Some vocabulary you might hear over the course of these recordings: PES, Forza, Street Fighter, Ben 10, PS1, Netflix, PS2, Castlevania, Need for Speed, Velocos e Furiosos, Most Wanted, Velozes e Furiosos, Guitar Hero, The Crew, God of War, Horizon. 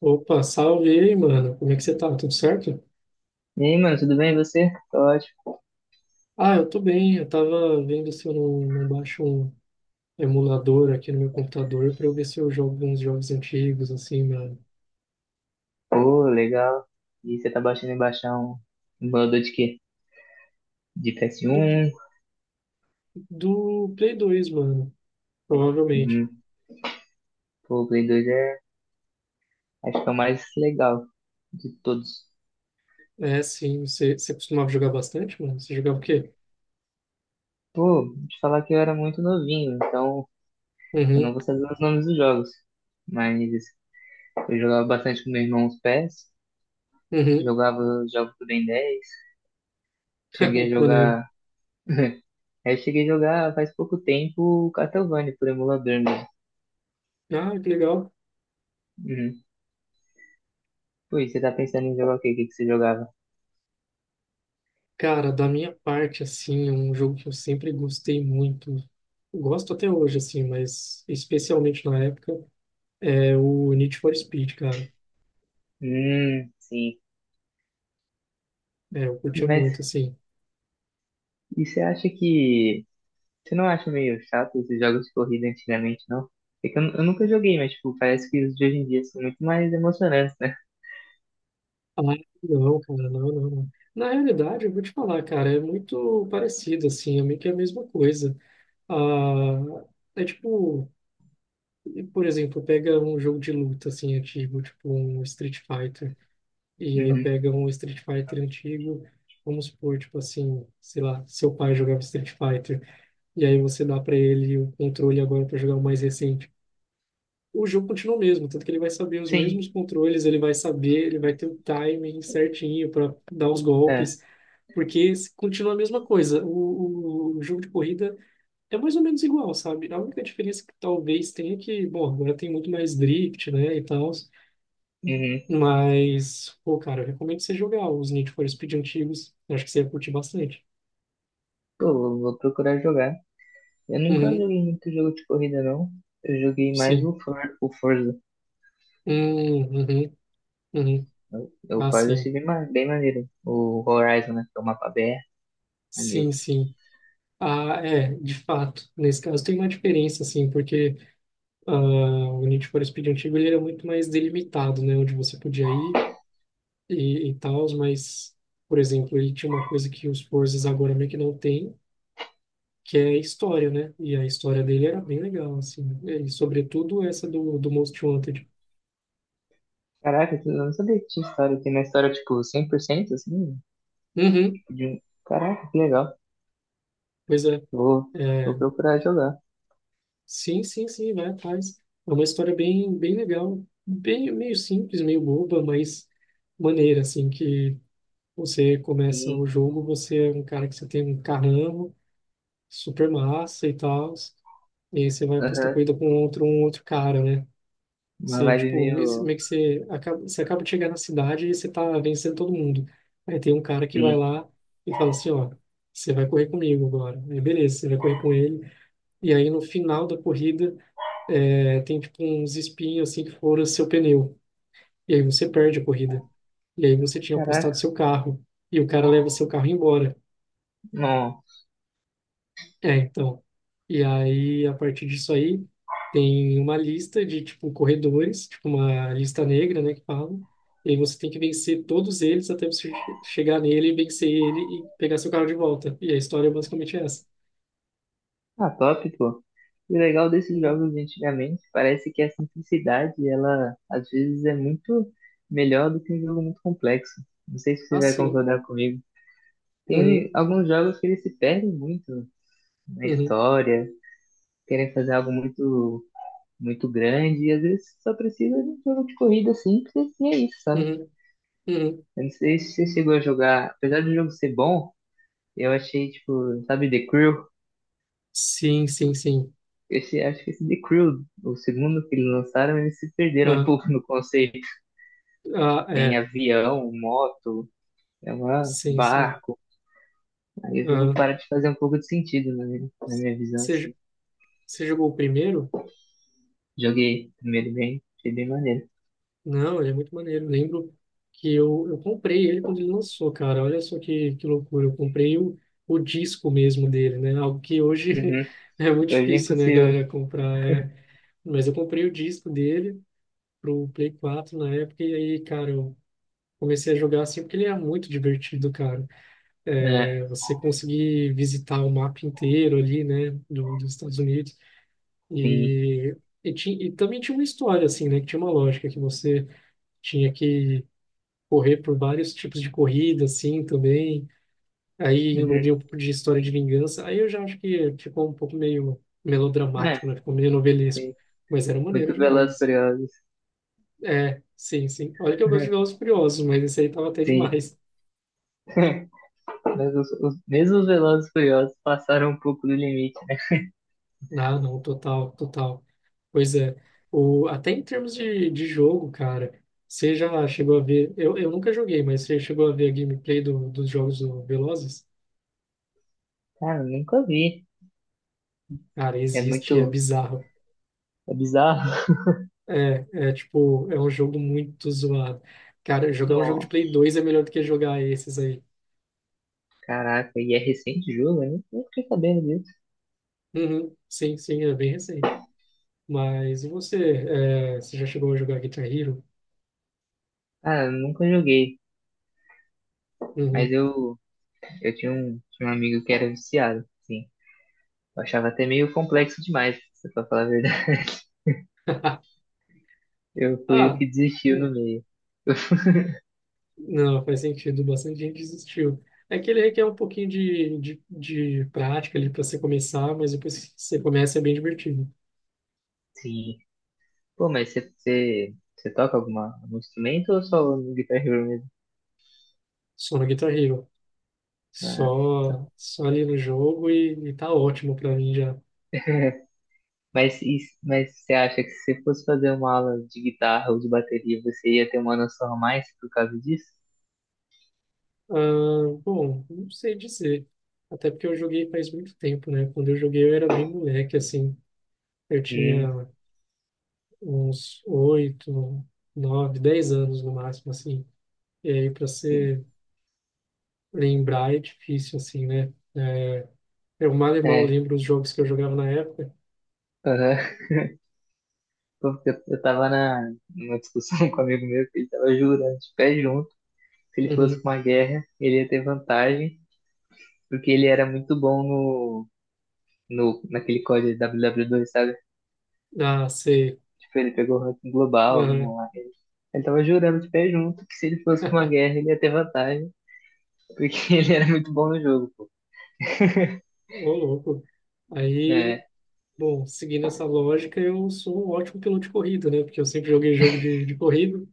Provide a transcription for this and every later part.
Opa, salve aí, mano. Como é que você tá? Tudo certo? E aí, mano, tudo bem? E você? Tô ótimo. Ah, eu tô bem. Eu tava vendo se eu não baixo um emulador aqui no meu computador pra eu ver se eu jogo uns jogos antigos, assim, mano. Pô, legal. E você tá baixando em baixar um emulador de quê? De Do, PS1? do Play 2 mano. Provavelmente. Uhum. Pô, o Play 2 é, acho que é o mais legal de todos. É, sim. Você costumava jogar bastante, mano? Você jogava o quê? Pô, te falar que eu era muito novinho, então eu não Uhum, vou saber os nomes dos jogos. Mas eu jogava bastante com meu irmão os PES, uhum. jogava jogos do Ben 10, cheguei a Maneiro. jogar... Eu cheguei a jogar faz pouco tempo o Castlevania por emulador mesmo. Ah, que legal. Uhum. Pô, e você tá pensando em jogar o quê? O que que você jogava? Cara, da minha parte, assim, é um jogo que eu sempre gostei muito. Gosto até hoje, assim, mas especialmente na época. É o Need for Speed, cara. Sim. É, eu curtia Mas muito, assim. e você acha que. Você não acha meio chato esses jogos de corrida antigamente, não? É que eu nunca joguei, mas tipo, parece que os de hoje em dia são muito mais emocionantes, né? Ah, não, cara, não, não, não. Na realidade, eu vou te falar, cara, é muito parecido, assim, é meio que a mesma coisa. Ah, é tipo, por exemplo, pega um jogo de luta, assim, antigo, tipo um Street Fighter, e aí Uhum. pega um Street Fighter antigo, vamos supor, tipo assim, sei lá, seu pai jogava Street Fighter, e aí você dá pra ele o controle agora pra jogar o mais recente. O jogo continua o mesmo, tanto que ele vai saber os Sim, mesmos controles, ele vai saber, ele vai ter o timing certinho para dar os é. golpes, porque continua a mesma coisa. O jogo de corrida é mais ou menos igual, sabe? A única diferença que talvez tenha é que, bom, agora tem muito mais drift, né, e tal, Uhum. mas, pô, cara, eu recomendo você jogar os Need for Speed antigos, eu acho que você ia curtir bastante. Pô, vou procurar jogar. Eu nunca Uhum, joguei muito jogo de corrida, não. Eu joguei mais sim. O Forza. Uhum, uhum. O, o Ah, Forza eu achei sim. bem maneiro. O Horizon, né? Que é o mapa aberto, maneiro. Sim, sim. Ah, é, de fato. Nesse caso tem uma diferença, assim, porque ah, o Need for Speed antigo ele era muito mais delimitado, né? Onde você podia ir e tal, mas, por exemplo, ele tinha uma coisa que os Forzas agora meio que não tem, que é a história, né? E a história dele era bem legal, assim. E, sobretudo, essa do Most Wanted. Caraca, eu não sabia que tinha história. Tem uma história, tipo, 100%, assim, Uhum, de um... Caraca, que legal. pois é. Vou, vou É, procurar jogar. sim, sim, sim, vai atrás. É uma história bem, bem legal. Bem, meio simples, meio boba, mas maneira, assim, que você começa Sim, o jogo, você é um cara que você tem um carrão super massa e tal, e aí você vai apostar aham. corrida com outro, um outro cara, né? Uma Você, vibe tipo, meio. meio que você acaba de chegar na cidade e você tá vencendo todo mundo. Aí tem um cara que vai Sim. lá e fala assim, ó, você vai correr comigo agora. Aí beleza, você vai correr com ele. E aí no final da corrida, é, tem tipo uns espinhos assim que foram seu pneu. E aí você perde a corrida. E aí você tinha apostado Caraca, seu carro. E o cara leva seu carro embora. não. É, então. E aí, a partir disso aí, tem uma lista de, tipo, corredores, tipo uma lista negra, né, que falam. E aí você tem que vencer todos eles até você chegar nele, vencer ele e pegar seu carro de volta. E a história é basicamente essa. Ah, top, pô. E o legal desses Hum, jogos de antigamente parece que a simplicidade, ela às vezes é muito melhor do que um jogo muito complexo. Não sei se você ah, vai sim. concordar comigo. Uhum, Tem alguns jogos que eles se perdem muito na uhum, história, querem fazer algo muito, muito grande, e às vezes só precisa de um jogo de corrida simples e é isso, sabe? uhum, uhum. Eu não sei se você chegou a jogar, apesar do jogo ser bom. Eu achei, tipo, sabe, The Crew? Sim, sim, sim. Esse, acho que esse The Crew, o segundo que eles lançaram, eles se perderam um Ah, pouco no conceito. ah, Tem é. avião, moto, é uma Sim, sim. barco. Aí o jogo Ah, para de fazer um pouco de sentido na minha visão, assim. você, você jogou o primeiro? Joguei primeiro bem, achei bem maneiro. Não, ele é muito maneiro. Lembro que eu comprei ele quando ele lançou, cara. Olha só que loucura. Eu comprei o disco mesmo dele, né? Algo que hoje Uhum. é muito Hoje é difícil, né, impossível. galera, comprar. É. Mas eu comprei o disco dele pro Play 4 na época e aí, cara, eu comecei a jogar assim porque ele é muito divertido, cara. É, É, você conseguir visitar o mapa inteiro ali, né, dos Estados Unidos. sim. E, e, e também tinha uma história, assim, né, que tinha uma lógica que você tinha que correr por vários tipos de corrida, assim, também. Aí Uhum. envolvia um pouco de história de vingança. Aí eu já acho que ficou um pouco meio É, melodramático, né? Ficou meio novelesco. sim. Mas era maneiro Muito Velozes e demais. Furiosos. É, sim, sim. Olha que eu gosto de Velozes e Furiosos, mas esse aí tava até Sim. demais. Mas mesmo os Velozes e Furiosos passaram um pouco do limite, né? Ah, não, total, total. Pois é. O, até em termos de jogo, cara, você já chegou a ver... Eu nunca joguei, mas você chegou a ver a gameplay do, dos jogos do Velozes? Cara, eu nunca vi. Cara, É existe, e é muito bizarro. É bizarro. É tipo, é um jogo muito zoado. Cara, jogar um jogo de Nossa, Play 2 é melhor do que jogar esses aí. caraca, e é recente o jogo? Eu nem fiquei sabendo disso. Uhum, sim, sim, é bem recente. Mas e você, é, você já chegou a jogar Guitar Hero? Ah, eu nunca joguei, mas Uhum. eu tinha um amigo que era viciado, sim. Eu achava até meio complexo demais, se pra falar a verdade. Eu fui o Ah, que desistiu no é. meio. Não, faz sentido, bastante gente desistiu. É que ele requer um pouquinho de prática ali para você começar, mas depois que você começa é bem divertido. Sim. Pô, mas você toca algum instrumento ou só no Guitar Hero mesmo? Só no Guitar Hero. Ah, tá. Só, só ali no jogo e tá ótimo para mim já. Mas você acha que se você fosse fazer uma aula de guitarra ou de bateria, você ia ter uma noção a mais por causa disso? Ah, bom, não sei dizer. Até porque eu joguei faz muito tempo, né? Quando eu joguei eu era bem moleque, assim. Eu Hum, tinha uns 8, 9, 10 anos no máximo, assim. E aí, para sim. se lembrar é difícil, assim, né? É, eu mal e mal É. lembro os jogos que eu jogava na época. Aham. Porque eu tava numa discussão com um amigo meu que ele tava jurando de pé junto que se ele fosse Uhum. pra uma guerra, ele ia ter vantagem, porque ele era muito bom no, no, naquele código WW2, sabe? Ah, sei. Tipo, ele pegou o ranking global no Aham. online. Ele tava jurando de pé junto que se ele fosse pra uma guerra, ele ia ter vantagem, porque ele era muito bom no jogo, pô, Ô, louco. Aí, né? bom, seguindo essa lógica, eu sou um ótimo piloto de corrida, né? Porque eu sempre joguei jogo de corrida.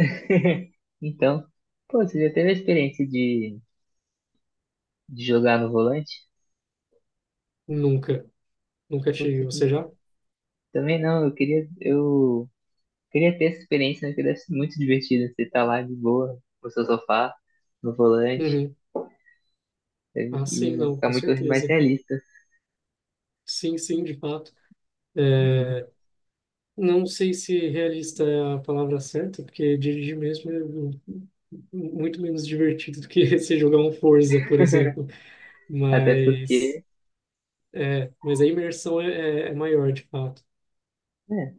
Então, pô, você já teve a experiência de jogar no volante? Nunca. Nunca Putz, tive. eu Você já? também não, eu queria. Queria ter essa experiência, né? Que deve ser muito divertido. Você tá lá de boa, no seu sofá, no volante, Uhum. Ah, sim, e vai não, ficar com muito mais certeza. realista. Sim, sim, de fato. Uhum. É, não sei se realista é a palavra certa, porque dirigir mesmo é muito menos divertido do que você jogar um Forza, por exemplo. Até Mas, porque, é, mas a imersão é maior, de fato. né?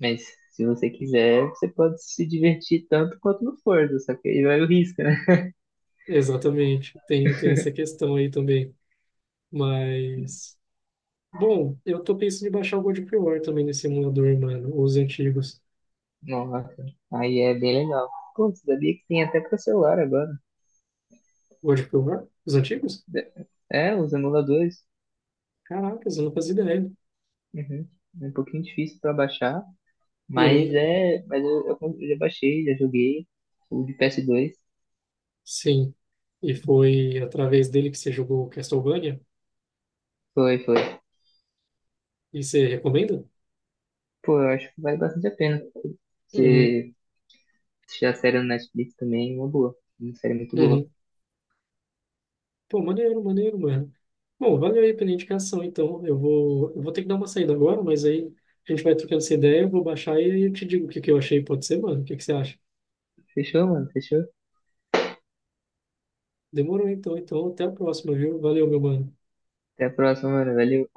Mas se você quiser, você pode se divertir tanto quanto no Forza, só que aí vai o risco, né? Exatamente. Tem, tem essa questão aí também. Mas, bom, eu tô pensando em baixar o God of War também nesse emulador, mano. Os antigos. Nossa, aí é bem legal. Pô, você sabia que tem até pra celular agora. God of War? Os antigos? É, os emuladores. Caracas, eu não fazia ideia. Uhum. É um pouquinho difícil pra baixar, mas Uhum. é, mas eu, eu já baixei, já joguei o de PS2. Sim. E foi através dele que você jogou Castlevania? Foi, foi. E você recomenda? Pô, eu acho que vale bastante a pena. Uhum. Se assistir a série no Netflix também, é uma boa. Uma série muito boa. Uhum. Pô, maneiro, maneiro, mano. Bom, valeu aí pela indicação, então. Eu vou ter que dar uma saída agora, mas aí a gente vai trocando essa ideia, eu vou baixar e aí eu te digo o que que eu achei. Pode ser, mano? O que que você acha? Fechou, mano? Fechou? Demorou então, então. Até a próxima, viu? Valeu, meu mano. Até a próxima, mano. Valeu.